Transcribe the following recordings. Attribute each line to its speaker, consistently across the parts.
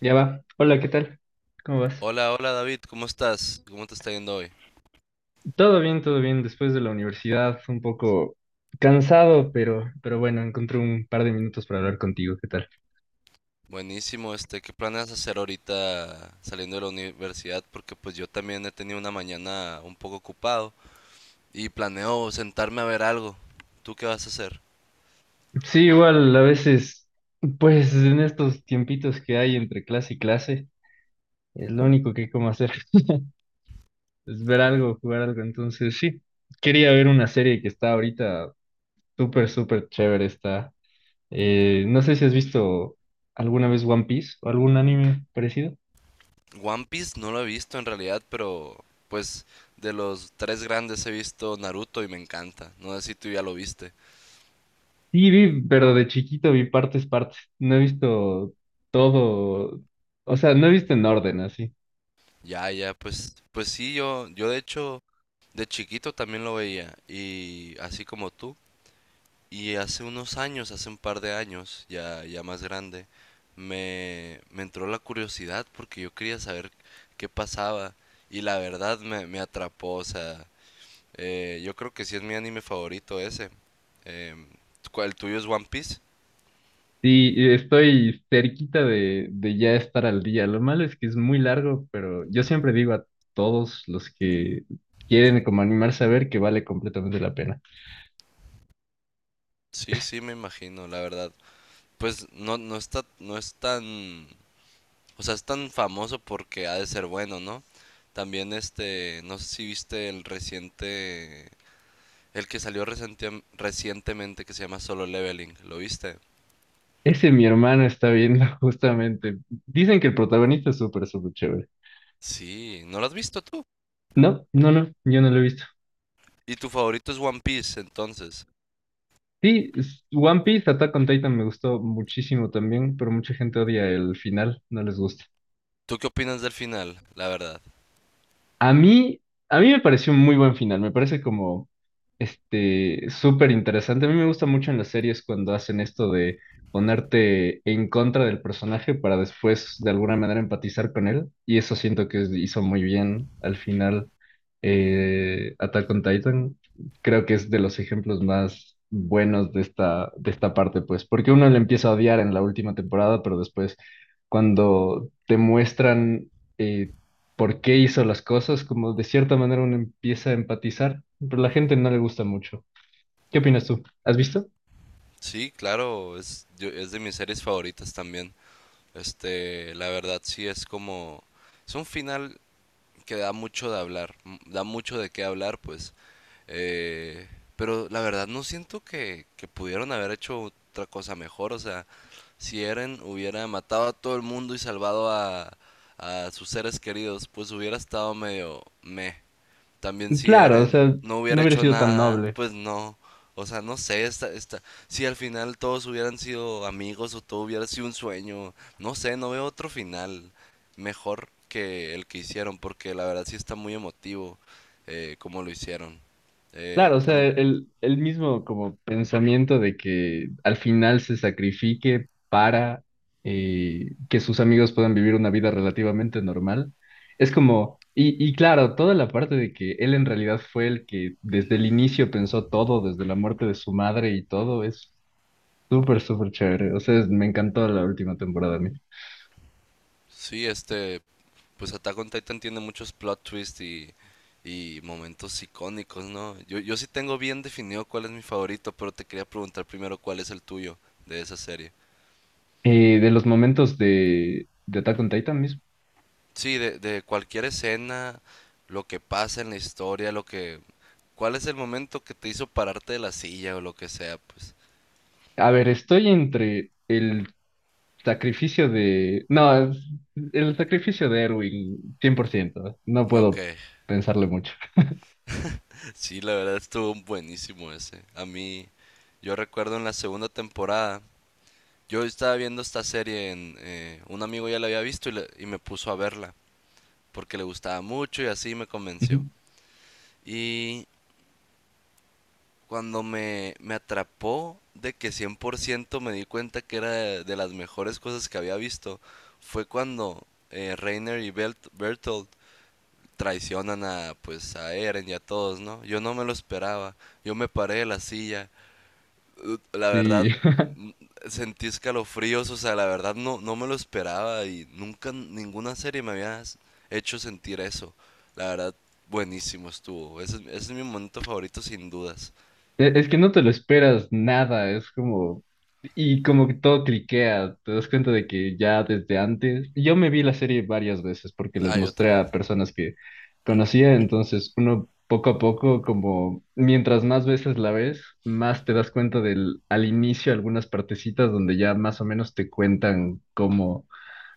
Speaker 1: Ya va. Hola, ¿qué tal? ¿Cómo vas?
Speaker 2: Hola, David, ¿cómo estás? ¿Cómo te está yendo hoy?
Speaker 1: Todo bien, todo bien. Después de la universidad, un poco cansado, pero bueno, encontré un par de minutos para hablar contigo. ¿Qué tal?
Speaker 2: Buenísimo, ¿qué planeas hacer ahorita saliendo de la universidad? Porque pues yo también he tenido una mañana un poco ocupado y planeo sentarme a ver algo. ¿Tú qué vas a hacer?
Speaker 1: Sí, igual, a veces, pues en estos tiempitos que hay entre clase y clase, es lo único que hay como hacer, es ver algo, jugar algo. Entonces, sí, quería ver una serie que está ahorita súper, súper chévere. Está. No sé si has visto alguna vez One Piece o algún anime parecido.
Speaker 2: One Piece no lo he visto en realidad, pero pues de los tres grandes he visto Naruto y me encanta. No sé si tú ya lo viste.
Speaker 1: Sí, vi, pero de chiquito vi partes, partes. No he visto todo, o sea, no he visto en orden así.
Speaker 2: Ya, ya, pues, pues sí, yo de hecho de chiquito también lo veía y así como tú. Y hace unos años, hace un par de años, ya, ya más grande, me entró la curiosidad porque yo quería saber qué pasaba y la verdad me atrapó, o sea, yo creo que sí es mi anime favorito ese. Em, ¿El tuyo es One Piece?
Speaker 1: Sí, y estoy cerquita de ya estar al día. Lo malo es que es muy largo, pero yo siempre digo a todos los que quieren como animarse a ver que vale completamente la pena.
Speaker 2: Sí, sí, me imagino, la verdad. Pues no, no es tan, o sea, es tan famoso porque ha de ser bueno, ¿no? También este, no sé si viste el reciente. El que salió recientemente que se llama Solo Leveling, ¿lo viste?
Speaker 1: Ese mi hermano está viendo justamente. Dicen que el protagonista es súper, súper chévere.
Speaker 2: Sí, ¿no lo has visto tú?
Speaker 1: No, no, no, yo no lo he visto.
Speaker 2: Y tu favorito es One Piece, entonces.
Speaker 1: Sí, One Piece, Attack on Titan me gustó muchísimo también, pero mucha gente odia el final, no les gusta.
Speaker 2: ¿Tú qué opinas del final, la verdad?
Speaker 1: A mí, a mí me pareció un muy buen final, me parece como este súper interesante. A mí me gusta mucho en las series cuando hacen esto de ponerte en contra del personaje para después de alguna manera empatizar con él. Y eso siento que hizo muy bien al final Attack on Titan. Creo que es de los ejemplos más buenos de esta parte, pues, porque uno le empieza a odiar en la última temporada, pero después cuando te muestran... eh, por qué hizo las cosas, como de cierta manera uno empieza a empatizar, pero a la gente no le gusta mucho. ¿Qué opinas tú? ¿Has visto?
Speaker 2: Sí, claro, es de mis series favoritas también. Este, la verdad sí es como... Es un final que da mucho de hablar, da mucho de qué hablar, pues. Eh, pero la verdad no siento que pudieron haber hecho otra cosa mejor. O sea, si Eren hubiera matado a todo el mundo y salvado a sus seres queridos, pues hubiera estado medio meh. También si
Speaker 1: Claro, o
Speaker 2: Eren
Speaker 1: sea,
Speaker 2: no
Speaker 1: no
Speaker 2: hubiera
Speaker 1: hubiera
Speaker 2: hecho
Speaker 1: sido tan
Speaker 2: nada,
Speaker 1: noble.
Speaker 2: pues no. O sea, no sé, esta, si al final todos hubieran sido amigos o todo hubiera sido un sueño, no sé, no veo otro final mejor que el que hicieron, porque la verdad sí está muy emotivo como lo hicieron.
Speaker 1: Claro, o sea,
Speaker 2: También,
Speaker 1: el mismo como pensamiento de que al final se sacrifique para que sus amigos puedan vivir una vida relativamente normal. Es como, y claro, toda la parte de que él en realidad fue el que desde el inicio pensó todo, desde la muerte de su madre y todo, es súper, súper chévere. O sea, me encantó la última temporada a mí.
Speaker 2: sí, este, pues Attack on Titan tiene muchos plot twists y momentos icónicos, ¿no? Yo sí tengo bien definido cuál es mi favorito, pero te quería preguntar primero cuál es el tuyo de esa serie.
Speaker 1: De los momentos de Attack on Titan mismo.
Speaker 2: Sí, de cualquier escena, lo que pasa en la historia, lo que... ¿Cuál es el momento que te hizo pararte de la silla o lo que sea? Pues,
Speaker 1: A ver, estoy entre el sacrificio de... No, el sacrificio de Erwin, 100%. No
Speaker 2: ok.
Speaker 1: puedo pensarle mucho.
Speaker 2: Sí, la verdad estuvo buenísimo ese. A mí, yo recuerdo en la segunda temporada, yo estaba viendo esta serie, un amigo ya la había visto y, y me puso a verla, porque le gustaba mucho y así me convenció.
Speaker 1: Ujú.
Speaker 2: Cuando me atrapó de que 100% me di cuenta que era de las mejores cosas que había visto, fue cuando Reiner y Bertolt traicionan a, pues, a Eren y a todos, ¿no? Yo no me lo esperaba, yo me paré de la silla. La verdad,
Speaker 1: Sí.
Speaker 2: n- sentí escalofríos, o sea, la verdad no, no me lo esperaba y nunca ninguna serie me había hecho sentir eso. La verdad, buenísimo estuvo, ese es mi momento favorito sin dudas.
Speaker 1: Es que no te lo esperas nada, es como... Y como que todo cliquea, te das cuenta de que ya desde antes... Yo me vi la serie varias veces porque les
Speaker 2: Ah, yo
Speaker 1: mostré a
Speaker 2: también.
Speaker 1: personas que conocía, entonces uno poco a poco, como mientras más veces la ves, más te das cuenta del al inicio algunas partecitas donde ya más o menos te cuentan cómo,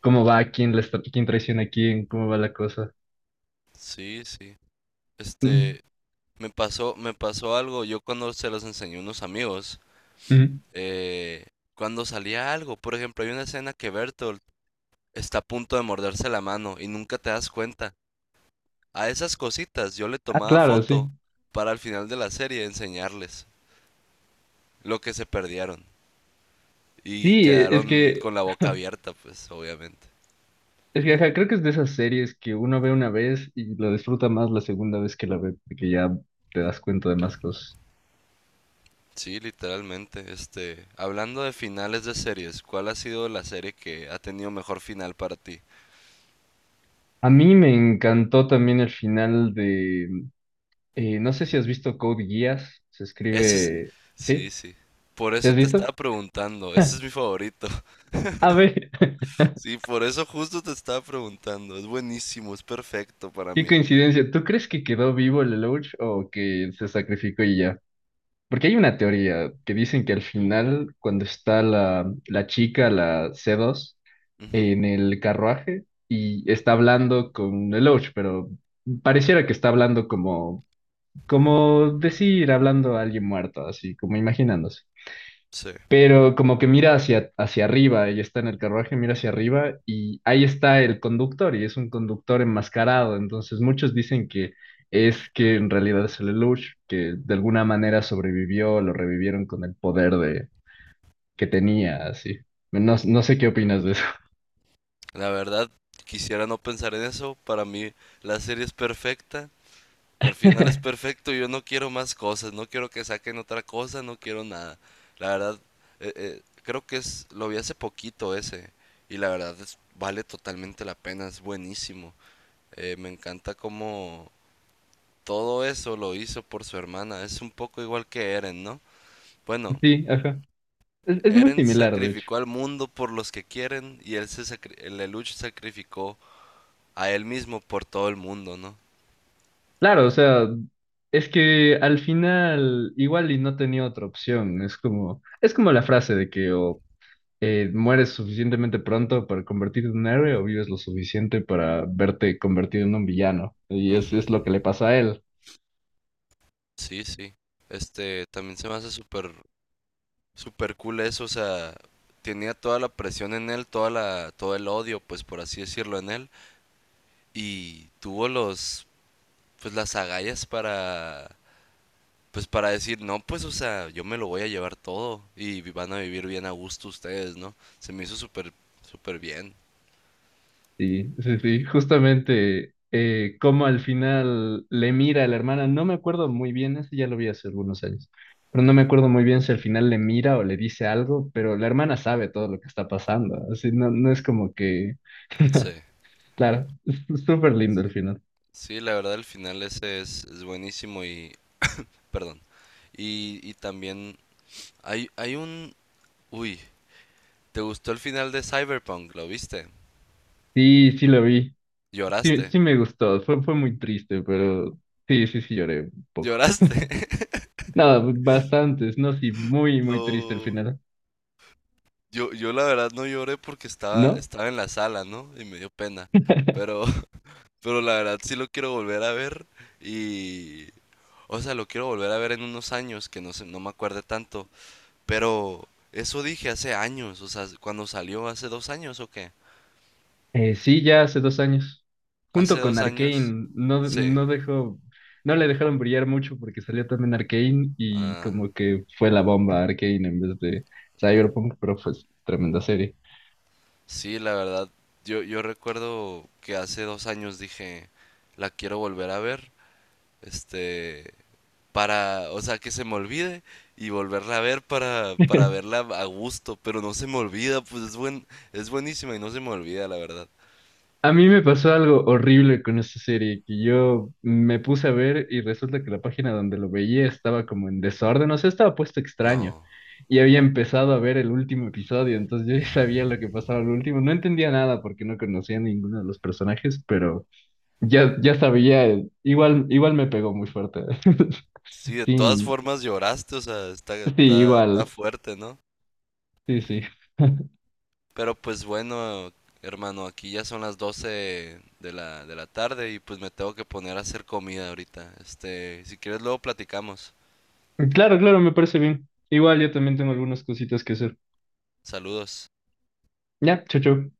Speaker 1: cómo va, quién, quién traiciona a quién, cómo va la cosa.
Speaker 2: Sí, sí.
Speaker 1: Mm,
Speaker 2: Este, me pasó algo. Yo cuando se los enseñé a unos amigos,
Speaker 1: mm.
Speaker 2: eh, cuando salía algo, por ejemplo, hay una escena que Bertolt está a punto de morderse la mano y nunca te das cuenta. A esas cositas yo le
Speaker 1: Ah,
Speaker 2: tomaba
Speaker 1: claro, sí.
Speaker 2: foto para al final de la serie enseñarles lo que se perdieron y
Speaker 1: Sí, e- es
Speaker 2: quedaron
Speaker 1: que
Speaker 2: con la boca abierta, pues, obviamente.
Speaker 1: Es que, ajá, creo que es de esas series que uno ve una vez y lo disfruta más la segunda vez que la ve, porque ya te das cuenta de más cosas.
Speaker 2: Sí, literalmente. Este, hablando de finales de series, ¿cuál ha sido la serie que ha tenido mejor final para ti?
Speaker 1: A mí me encantó también el final de, no sé si has visto Code Geass, se
Speaker 2: Ese es...
Speaker 1: escribe,
Speaker 2: Sí,
Speaker 1: ¿sí?
Speaker 2: sí. Por
Speaker 1: ¿Sí
Speaker 2: eso
Speaker 1: has
Speaker 2: te
Speaker 1: visto?
Speaker 2: estaba preguntando. Ese es mi favorito.
Speaker 1: A ver,
Speaker 2: Sí, por eso justo te estaba preguntando. Es buenísimo, es perfecto para
Speaker 1: qué
Speaker 2: mí.
Speaker 1: coincidencia, ¿tú crees que quedó vivo el Lelouch o que se sacrificó y ya? Porque hay una teoría que dicen que al final, cuando está la chica, la C2,
Speaker 2: Ujú.
Speaker 1: en el carruaje y está hablando con el Lelouch, pero pareciera que está hablando como decir, hablando a alguien muerto, así como imaginándose.
Speaker 2: Sí.
Speaker 1: Pero como que mira hacia arriba, ella está en el carruaje, mira hacia arriba y ahí está el conductor y es un conductor enmascarado. Entonces muchos dicen que es que en realidad es el Lelouch, que de alguna manera sobrevivió, lo revivieron con el poder de, que tenía, así. No, no sé qué opinas de eso.
Speaker 2: La verdad, quisiera no pensar en eso. Para mí, la serie es perfecta. El final es perfecto. Yo no quiero más cosas. No quiero que saquen otra cosa. No quiero nada. La verdad, creo que es... Lo vi hace poquito ese. Y la verdad, vale totalmente la pena. Es buenísimo. Me encanta cómo... Todo eso lo hizo por su hermana. Es un poco igual que Eren, ¿no? Bueno,
Speaker 1: Sí, ajá. Es muy
Speaker 2: Eren
Speaker 1: similar, de hecho.
Speaker 2: sacrificó al mundo por los que quieren y él el Lelouch sacrificó a él mismo por todo el mundo, ¿no?
Speaker 1: Claro, o sea, es que al final igual y no tenía otra opción. Es como la frase de que o mueres suficientemente pronto para convertirte en un héroe o vives lo suficiente para verte convertido en un villano. Y es,
Speaker 2: Ujú.
Speaker 1: es lo que le pasa a él.
Speaker 2: Sí, sí. Este, también se me hace súper, súper cool eso, o sea, tenía toda la presión en él, todo el odio, pues por así decirlo, en él, y tuvo pues las agallas para. Pues para decir, no, pues o sea, yo me lo voy a llevar todo y van a vivir bien a gusto ustedes, ¿no? Se me hizo súper, súper bien.
Speaker 1: Sí, sí, sí, justamente como al final le mira a la hermana, no me acuerdo muy bien, eso ya lo vi hace algunos años, pero no me acuerdo muy bien si al final le mira o le dice algo, pero la hermana sabe todo lo que está pasando, así no, no es como que,
Speaker 2: Sí,
Speaker 1: claro, es súper lindo al
Speaker 2: sí,
Speaker 1: final.
Speaker 2: sí, la verdad el final ese es buenísimo y, perdón. Y también hay un, uy, ¿te gustó el final de Cyberpunk? ¿Lo viste?
Speaker 1: Sí, sí lo vi, sí,
Speaker 2: ¿Lloraste?
Speaker 1: sí me gustó, fue muy triste, pero sí, sí, sí lloré un poco.
Speaker 2: ¿Lloraste?
Speaker 1: Nada, bastantes, no, sí, muy, muy triste al
Speaker 2: No,
Speaker 1: final,
Speaker 2: yo la verdad no lloré porque
Speaker 1: ¿no?
Speaker 2: estaba en la sala, ¿no? Y me dio pena. Pero, pero la verdad sí lo quiero volver a ver. Y, o sea, lo quiero volver a ver en unos años, que no sé, no me acuerde tanto. Pero eso dije hace años, o sea, cuando salió hace 2 años o qué.
Speaker 1: Sí, ya hace 2 años.
Speaker 2: Hace
Speaker 1: Junto con
Speaker 2: dos años,
Speaker 1: Arcane, no,
Speaker 2: sí.
Speaker 1: no dejó, no le dejaron brillar mucho porque salió también Arcane y
Speaker 2: Ah,
Speaker 1: como que fue la bomba Arcane en vez de Cyberpunk, pero fue tremenda serie.
Speaker 2: sí, la verdad, yo recuerdo que hace 2 años dije, la quiero volver a ver, este, para, o sea, que se me olvide y volverla a ver para verla a gusto, pero no se me olvida, es buenísima y no se me olvida, la verdad.
Speaker 1: A mí me pasó algo horrible con esta serie, que yo me puse a ver y resulta que la página donde lo veía estaba como en desorden, o sea, estaba puesto extraño
Speaker 2: No.
Speaker 1: y había empezado a ver el último episodio, entonces yo ya sabía lo que pasaba al último, no entendía nada porque no conocía a ninguno de los personajes, pero ya, ya sabía, igual, igual me pegó muy fuerte.
Speaker 2: Sí, de todas
Speaker 1: Sí,
Speaker 2: formas lloraste, o sea,
Speaker 1: sí,
Speaker 2: está
Speaker 1: igual,
Speaker 2: fuerte, ¿no?
Speaker 1: sí, sí.
Speaker 2: Pero pues bueno, hermano, aquí ya son las 12 de la tarde y pues me tengo que poner a hacer comida ahorita. Este, si quieres luego platicamos.
Speaker 1: Claro, claro, me parece bien. Igual yo también tengo algunas cositas que hacer.
Speaker 2: Saludos.
Speaker 1: Ya, chao, chao.